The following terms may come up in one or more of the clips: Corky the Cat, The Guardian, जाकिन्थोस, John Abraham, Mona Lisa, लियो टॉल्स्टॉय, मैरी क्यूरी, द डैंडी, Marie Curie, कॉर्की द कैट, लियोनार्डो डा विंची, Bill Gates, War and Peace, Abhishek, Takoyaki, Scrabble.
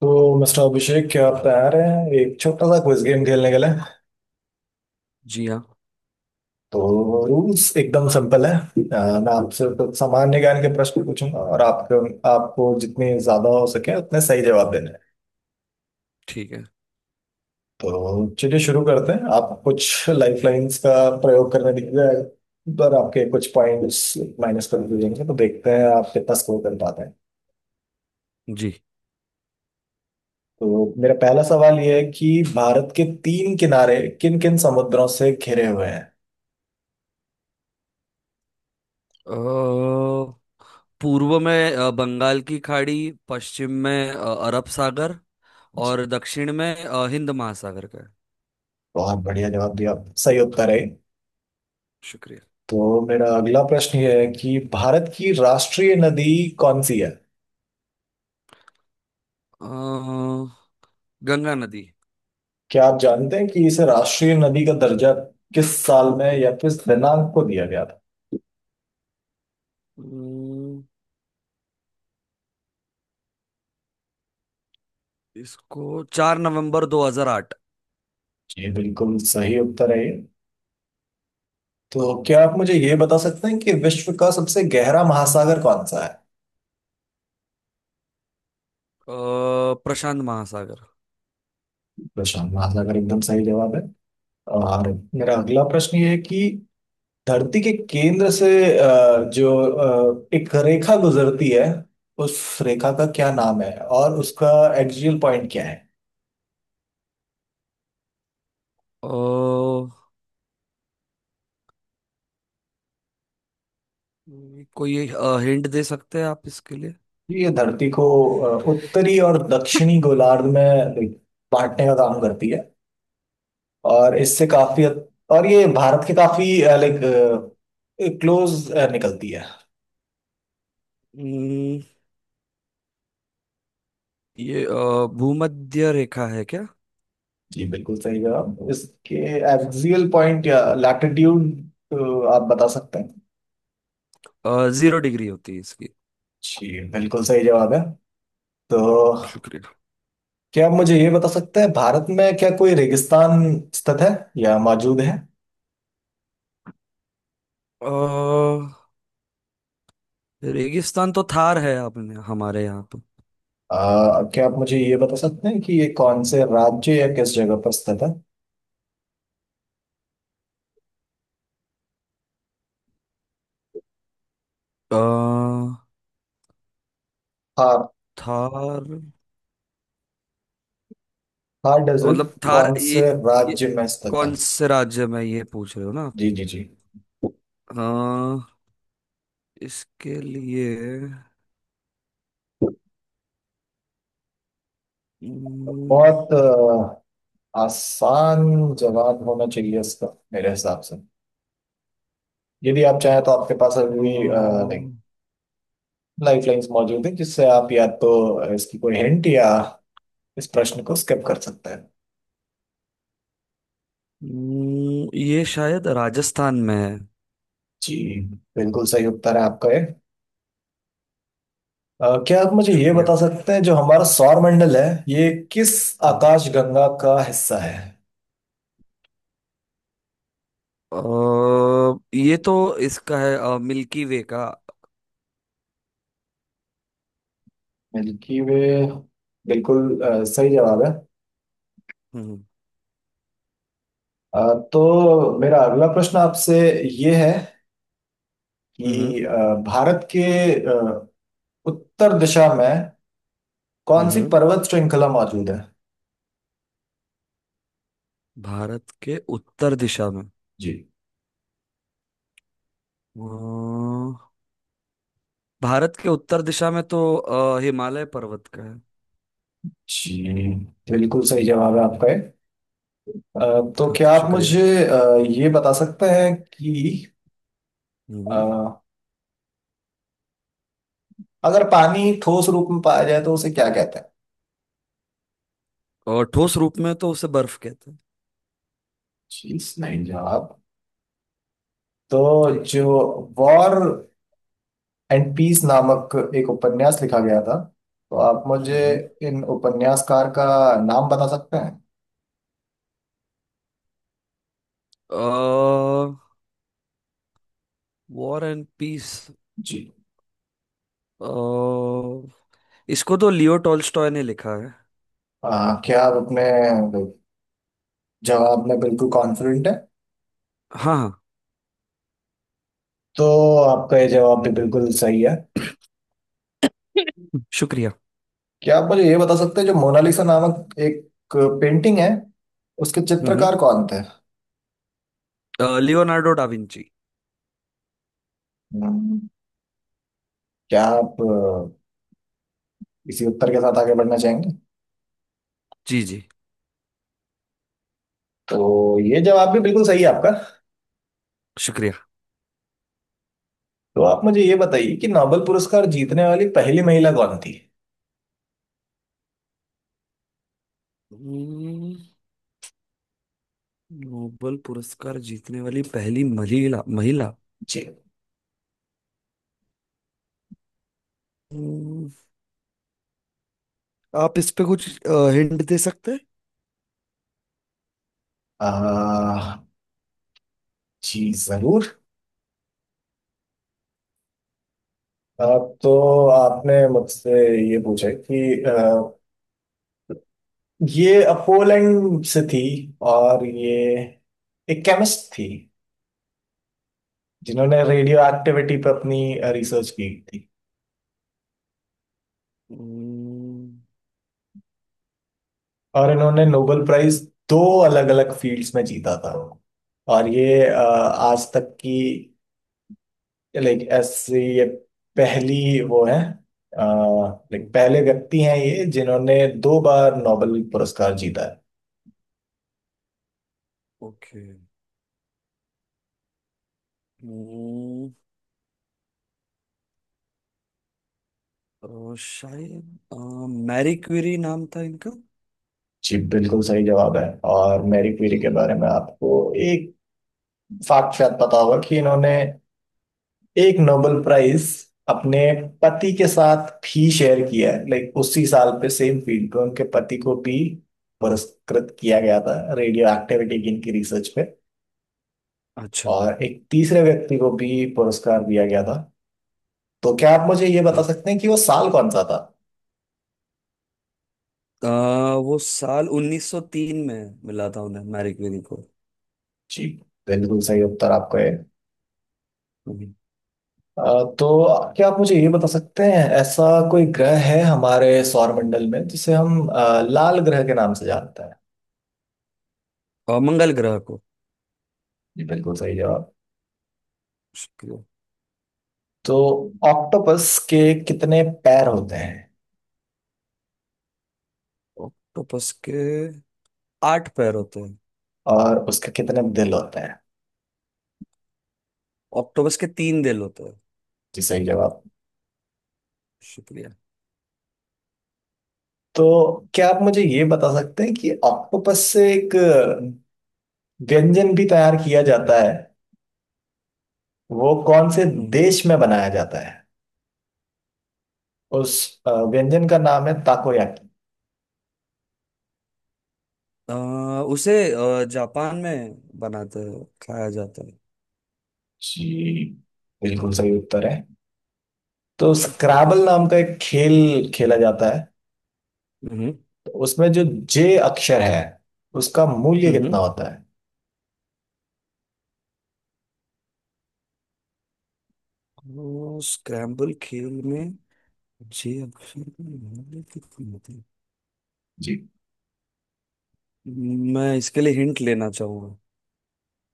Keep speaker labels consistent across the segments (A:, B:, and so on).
A: तो मिस्टर अभिषेक, क्या आप तैयार हैं एक छोटा सा क्विज गेम खेलने के लिए?
B: जी हाँ।
A: तो रूल्स एकदम सिंपल है। मैं आपसे कुछ सामान्य ज्ञान के प्रश्न पूछूंगा, और आपको आपको जितने ज्यादा हो सके उतने सही जवाब देने हैं।
B: ठीक है।
A: तो चलिए शुरू करते हैं। आप कुछ लाइफ लाइंस का प्रयोग करने दिख जाएगा, पर आपके कुछ पॉइंट्स माइनस कर दिए जाएंगे। तो देखते हैं आप कितना स्कोर कर पाते हैं।
B: जी।
A: तो मेरा पहला सवाल ये है कि भारत के तीन किनारे किन किन समुद्रों से घिरे हुए हैं?
B: अ, पूर्व में बंगाल की खाड़ी पश्चिम में अरब सागर और दक्षिण में हिंद महासागर का है।
A: बहुत बढ़िया जवाब दिया, सही उत्तर है।
B: शुक्रिया।
A: तो मेरा अगला प्रश्न ये है कि भारत की राष्ट्रीय नदी कौन सी है?
B: अ, गंगा नदी।
A: क्या आप जानते हैं कि इसे राष्ट्रीय नदी का दर्जा किस साल में या किस दिनांक को दिया गया था?
B: अम्म, इसको 4 नवंबर 2008।
A: जी, बिल्कुल सही उत्तर है ये। तो क्या आप मुझे ये बता सकते हैं कि विश्व का सबसे गहरा महासागर कौन सा है?
B: प्रशांत महासागर।
A: प्रशांत महासागर, एकदम सही जवाब है। और मेरा अगला प्रश्न ये है कि धरती के केंद्र से जो एक रेखा गुजरती है, उस रेखा का क्या नाम है, और उसका एक्सियल पॉइंट क्या है?
B: अ, कोई हिंट दे सकते हैं आप इसके लिए।
A: ये धरती को उत्तरी और दक्षिणी गोलार्ध में बांटने का काम करती है। और और ये भारत के काफी लाइक क्लोज निकलती है।
B: अम्म, ये भूमध्य रेखा है क्या?
A: जी, बिल्कुल सही जवाब। इसके एक्सियल पॉइंट या लैटिट्यूड आप बता सकते हैं?
B: 0 डिग्री होती है इसकी।
A: जी, बिल्कुल सही जवाब है। तो
B: शुक्रिया।
A: क्या आप मुझे ये बता सकते हैं, भारत में क्या कोई रेगिस्तान स्थित है या मौजूद है?
B: अ, रेगिस्तान तो थार है आपने हमारे यहाँ पे।
A: क्या आप मुझे ये बता सकते हैं कि ये कौन से राज्य या किस जगह पर स्थित है?
B: अ,
A: थार।
B: थार।
A: थार डेजर्ट
B: मतलब थार।
A: कौन
B: ये
A: से
B: ये
A: राज्य में स्थित है?
B: कौन से राज्य में ये पूछ रहे हो ना
A: जी, जी, जी।
B: आप? इसके लिए हम्म,
A: बहुत आसान जवाब होना चाहिए इसका मेरे हिसाब से। यदि आप चाहें तो आपके पास अभी
B: अम्म,
A: लाइक लाइफ लाइंस मौजूद है, जिससे आप या तो इसकी कोई हिंट या इस प्रश्न को स्किप कर सकते हैं।
B: ये शायद राजस्थान में है।
A: जी, बिल्कुल सही उत्तर है आपका ये। क्या आप मुझे ये
B: शुक्रिया।
A: बता सकते हैं, जो हमारा सौरमंडल है ये किस
B: हम्म।
A: आकाशगंगा का हिस्सा है?
B: ये तो इसका है मिल्की वे का।
A: मिल्की वे, बिल्कुल सही जवाब है।
B: हम्म
A: अ, तो मेरा अगला प्रश्न आपसे ये है
B: हम्म
A: कि भारत के अ, उत्तर दिशा में
B: हम्म
A: कौन सी
B: हम्म,
A: पर्वत श्रृंखला मौजूद है?
B: भारत के उत्तर दिशा में।
A: जी,
B: अ, भारत के उत्तर दिशा में तो हिमालय पर्वत का है।
A: जी, बिल्कुल सही जवाब है आपका ये। तो
B: हाँ
A: क्या
B: तो
A: आप
B: शुक्रिया।
A: मुझे ये बता सकते हैं कि
B: हम्म
A: अ, अगर पानी ठोस रूप में पाया जाए तो उसे क्या कहते हैं?
B: और ठोस रूप में तो उसे बर्फ कहते हैं।
A: चीज नहीं, जवाब जवाब। तो
B: जी।
A: जो वॉर एंड पीस नामक एक उपन्यास लिखा गया था, तो आप मुझे
B: हम्म
A: इन उपन्यासकार का नाम बता सकते हैं?
B: वॉर एंड पीस
A: जी,
B: इसको तो लियो टॉल्स्टॉय ने लिखा है।
A: क्या आप अपने जवाब में बिल्कुल कॉन्फिडेंट है?
B: हाँ हाँ।
A: तो आपका ये जवाब भी बिल्कुल सही है।
B: शुक्रिया।
A: क्या आप मुझे ये बता सकते हैं, जो मोनालिसा नामक एक पेंटिंग है, उसके
B: हम्म
A: चित्रकार कौन थे?
B: लियोनार्डो डा विंची।
A: हम्म, क्या आप इसी उत्तर के साथ आगे बढ़ना चाहेंगे?
B: जी जी।
A: तो ये जवाब भी बिल्कुल सही है आपका।
B: शुक्रिया।
A: तो आप मुझे ये बताइए कि नोबेल पुरस्कार जीतने वाली पहली महिला कौन थी?
B: हम्म, नोबेल पुरस्कार जीतने वाली पहली महिला महिला।
A: जी,
B: हम्म, आप इस पे कुछ हिंट दे सकते हैं।
A: आ, जी जरूर। आ, तो आपने मुझसे ये पूछा है कि, ये पोलैंड से थी, और ये एक केमिस्ट थी जिन्होंने रेडियो एक्टिविटी पर अपनी रिसर्च की थी। और इन्होंने नोबेल प्राइज 2 अलग अलग फील्ड्स में जीता था। और ये आज तक की लाइक ऐसे ये पहली वो है लाइक
B: हम्म,
A: पहले व्यक्ति हैं ये जिन्होंने 2 बार नोबेल पुरस्कार जीता है।
B: ओके। हम्म, तो शायद मैरी क्यूरी नाम था इनका।
A: जी, बिल्कुल सही जवाब है। और मैरी क्यूरी के बारे में आपको एक फैक्ट शायद पता होगा कि इन्होंने एक नोबेल प्राइज अपने पति के साथ भी शेयर किया है। लाइक उसी साल पे सेम फील्ड पे उनके पति को भी पुरस्कृत किया गया था, रेडियो एक्टिविटी की इनकी रिसर्च पे।
B: अच्छा।
A: और एक तीसरे व्यक्ति को भी पुरस्कार दिया गया था। तो क्या आप मुझे ये बता
B: वो
A: सकते हैं कि वो साल कौन सा था?
B: अ, वो साल 1903 में मिला था उन्हें मैरी क्यूरी को।
A: जी, बिल्कुल सही उत्तर आपका है।
B: हम्म,
A: अ, तो क्या आप मुझे ये बता सकते हैं, ऐसा कोई ग्रह है हमारे सौरमंडल में जिसे हम लाल ग्रह के नाम से जानते हैं?
B: और मंगल ग्रह को।
A: जी, बिल्कुल सही जवाब।
B: शुक्रिया।
A: तो ऑक्टोपस के कितने पैर होते हैं?
B: ऑक्टोपस के आठ पैर होते हैं।
A: और उसके कितने दिल होते हैं?
B: ऑक्टोपस के तीन दिल होते हैं।
A: जी, सही जवाब।
B: शुक्रिया।
A: तो क्या आप मुझे ये बता सकते हैं कि ऑक्टोपस से एक व्यंजन भी तैयार किया जाता है, वो कौन से
B: हम्म,
A: देश में बनाया जाता है? उस व्यंजन का नाम है ताकोयाकी।
B: अ, उसे जापान में बनाते हैं खाया जाता है।
A: जी, बिल्कुल सही उत्तर है। तो
B: शुक्रिया।
A: स्क्रैबल नाम का एक खेल खेला जाता है,
B: हम्म
A: तो उसमें जो जे अक्षर है, उसका मूल्य कितना होता है?
B: स्क्रैम्बल खेल में। जी अक्षर का नाम कितने होते हैं? मैं इसके लिए हिंट लेना चाहूंगा।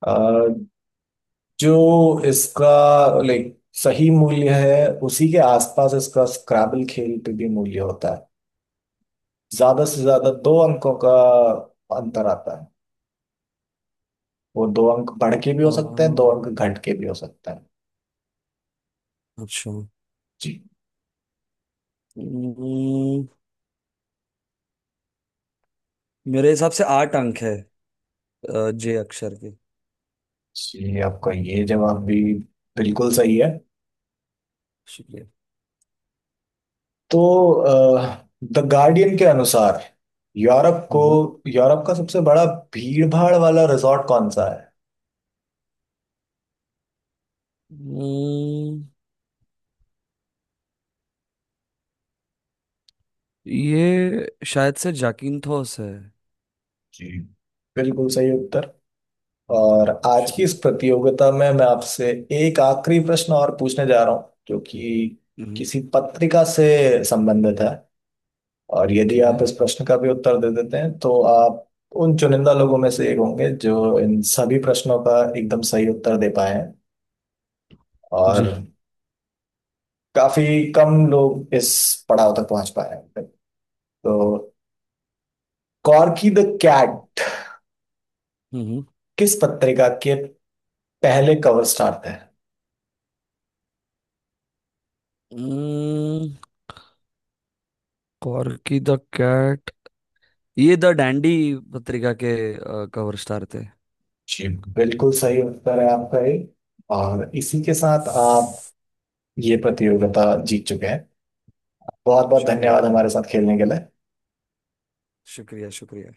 A: जी, जो इसका लाइक सही मूल्य है, उसी के आसपास इसका स्क्रैबल खेल पे भी मूल्य होता है। ज्यादा से ज्यादा दो अंकों का अंतर आता है। वो दो अंक बढ़ के भी हो
B: अ,
A: सकते हैं, दो अंक घट के भी हो सकते हैं।
B: अच्छा।
A: जी।
B: हम्म, मेरे हिसाब से आठ अंक है जे अक्षर के।
A: जी, आपका ये जवाब भी बिल्कुल सही है।
B: शुक्रिया।
A: तो द गार्डियन के अनुसार, यूरोप को
B: हम्म
A: यूरोप का सबसे बड़ा भीड़ भाड़ वाला रिजॉर्ट कौन सा है?
B: हम्म, ये शायद से जाकिन्थोस है।
A: जी, बिल्कुल सही उत्तर। और आज की इस
B: शुक्रिया।
A: प्रतियोगिता में मैं आपसे एक आखिरी प्रश्न और पूछने जा रहा हूँ, जो कि
B: हम्म,
A: किसी पत्रिका से संबंधित है। और यदि
B: ठीक है।
A: आप इस प्रश्न का भी उत्तर दे देते हैं तो आप उन चुनिंदा लोगों में से एक होंगे जो इन सभी प्रश्नों का एकदम सही उत्तर दे पाए हैं। और
B: जी।
A: काफी कम लोग इस पड़ाव तक पहुंच पाए हैं। तो कॉर्की द कैट
B: हम्म
A: किस पत्रिका के पहले कवर स्टार थे?
B: हम्म, कॉर्की द कैट ये द डैंडी पत्रिका के कवर स्टार थे।
A: जी, बिल्कुल सही उत्तर है आपका ये। और इसी के साथ आप ये प्रतियोगिता जीत चुके हैं। बहुत बहुत
B: शुक्रिया
A: धन्यवाद हमारे साथ खेलने के लिए।
B: शुक्रिया शुक्रिया।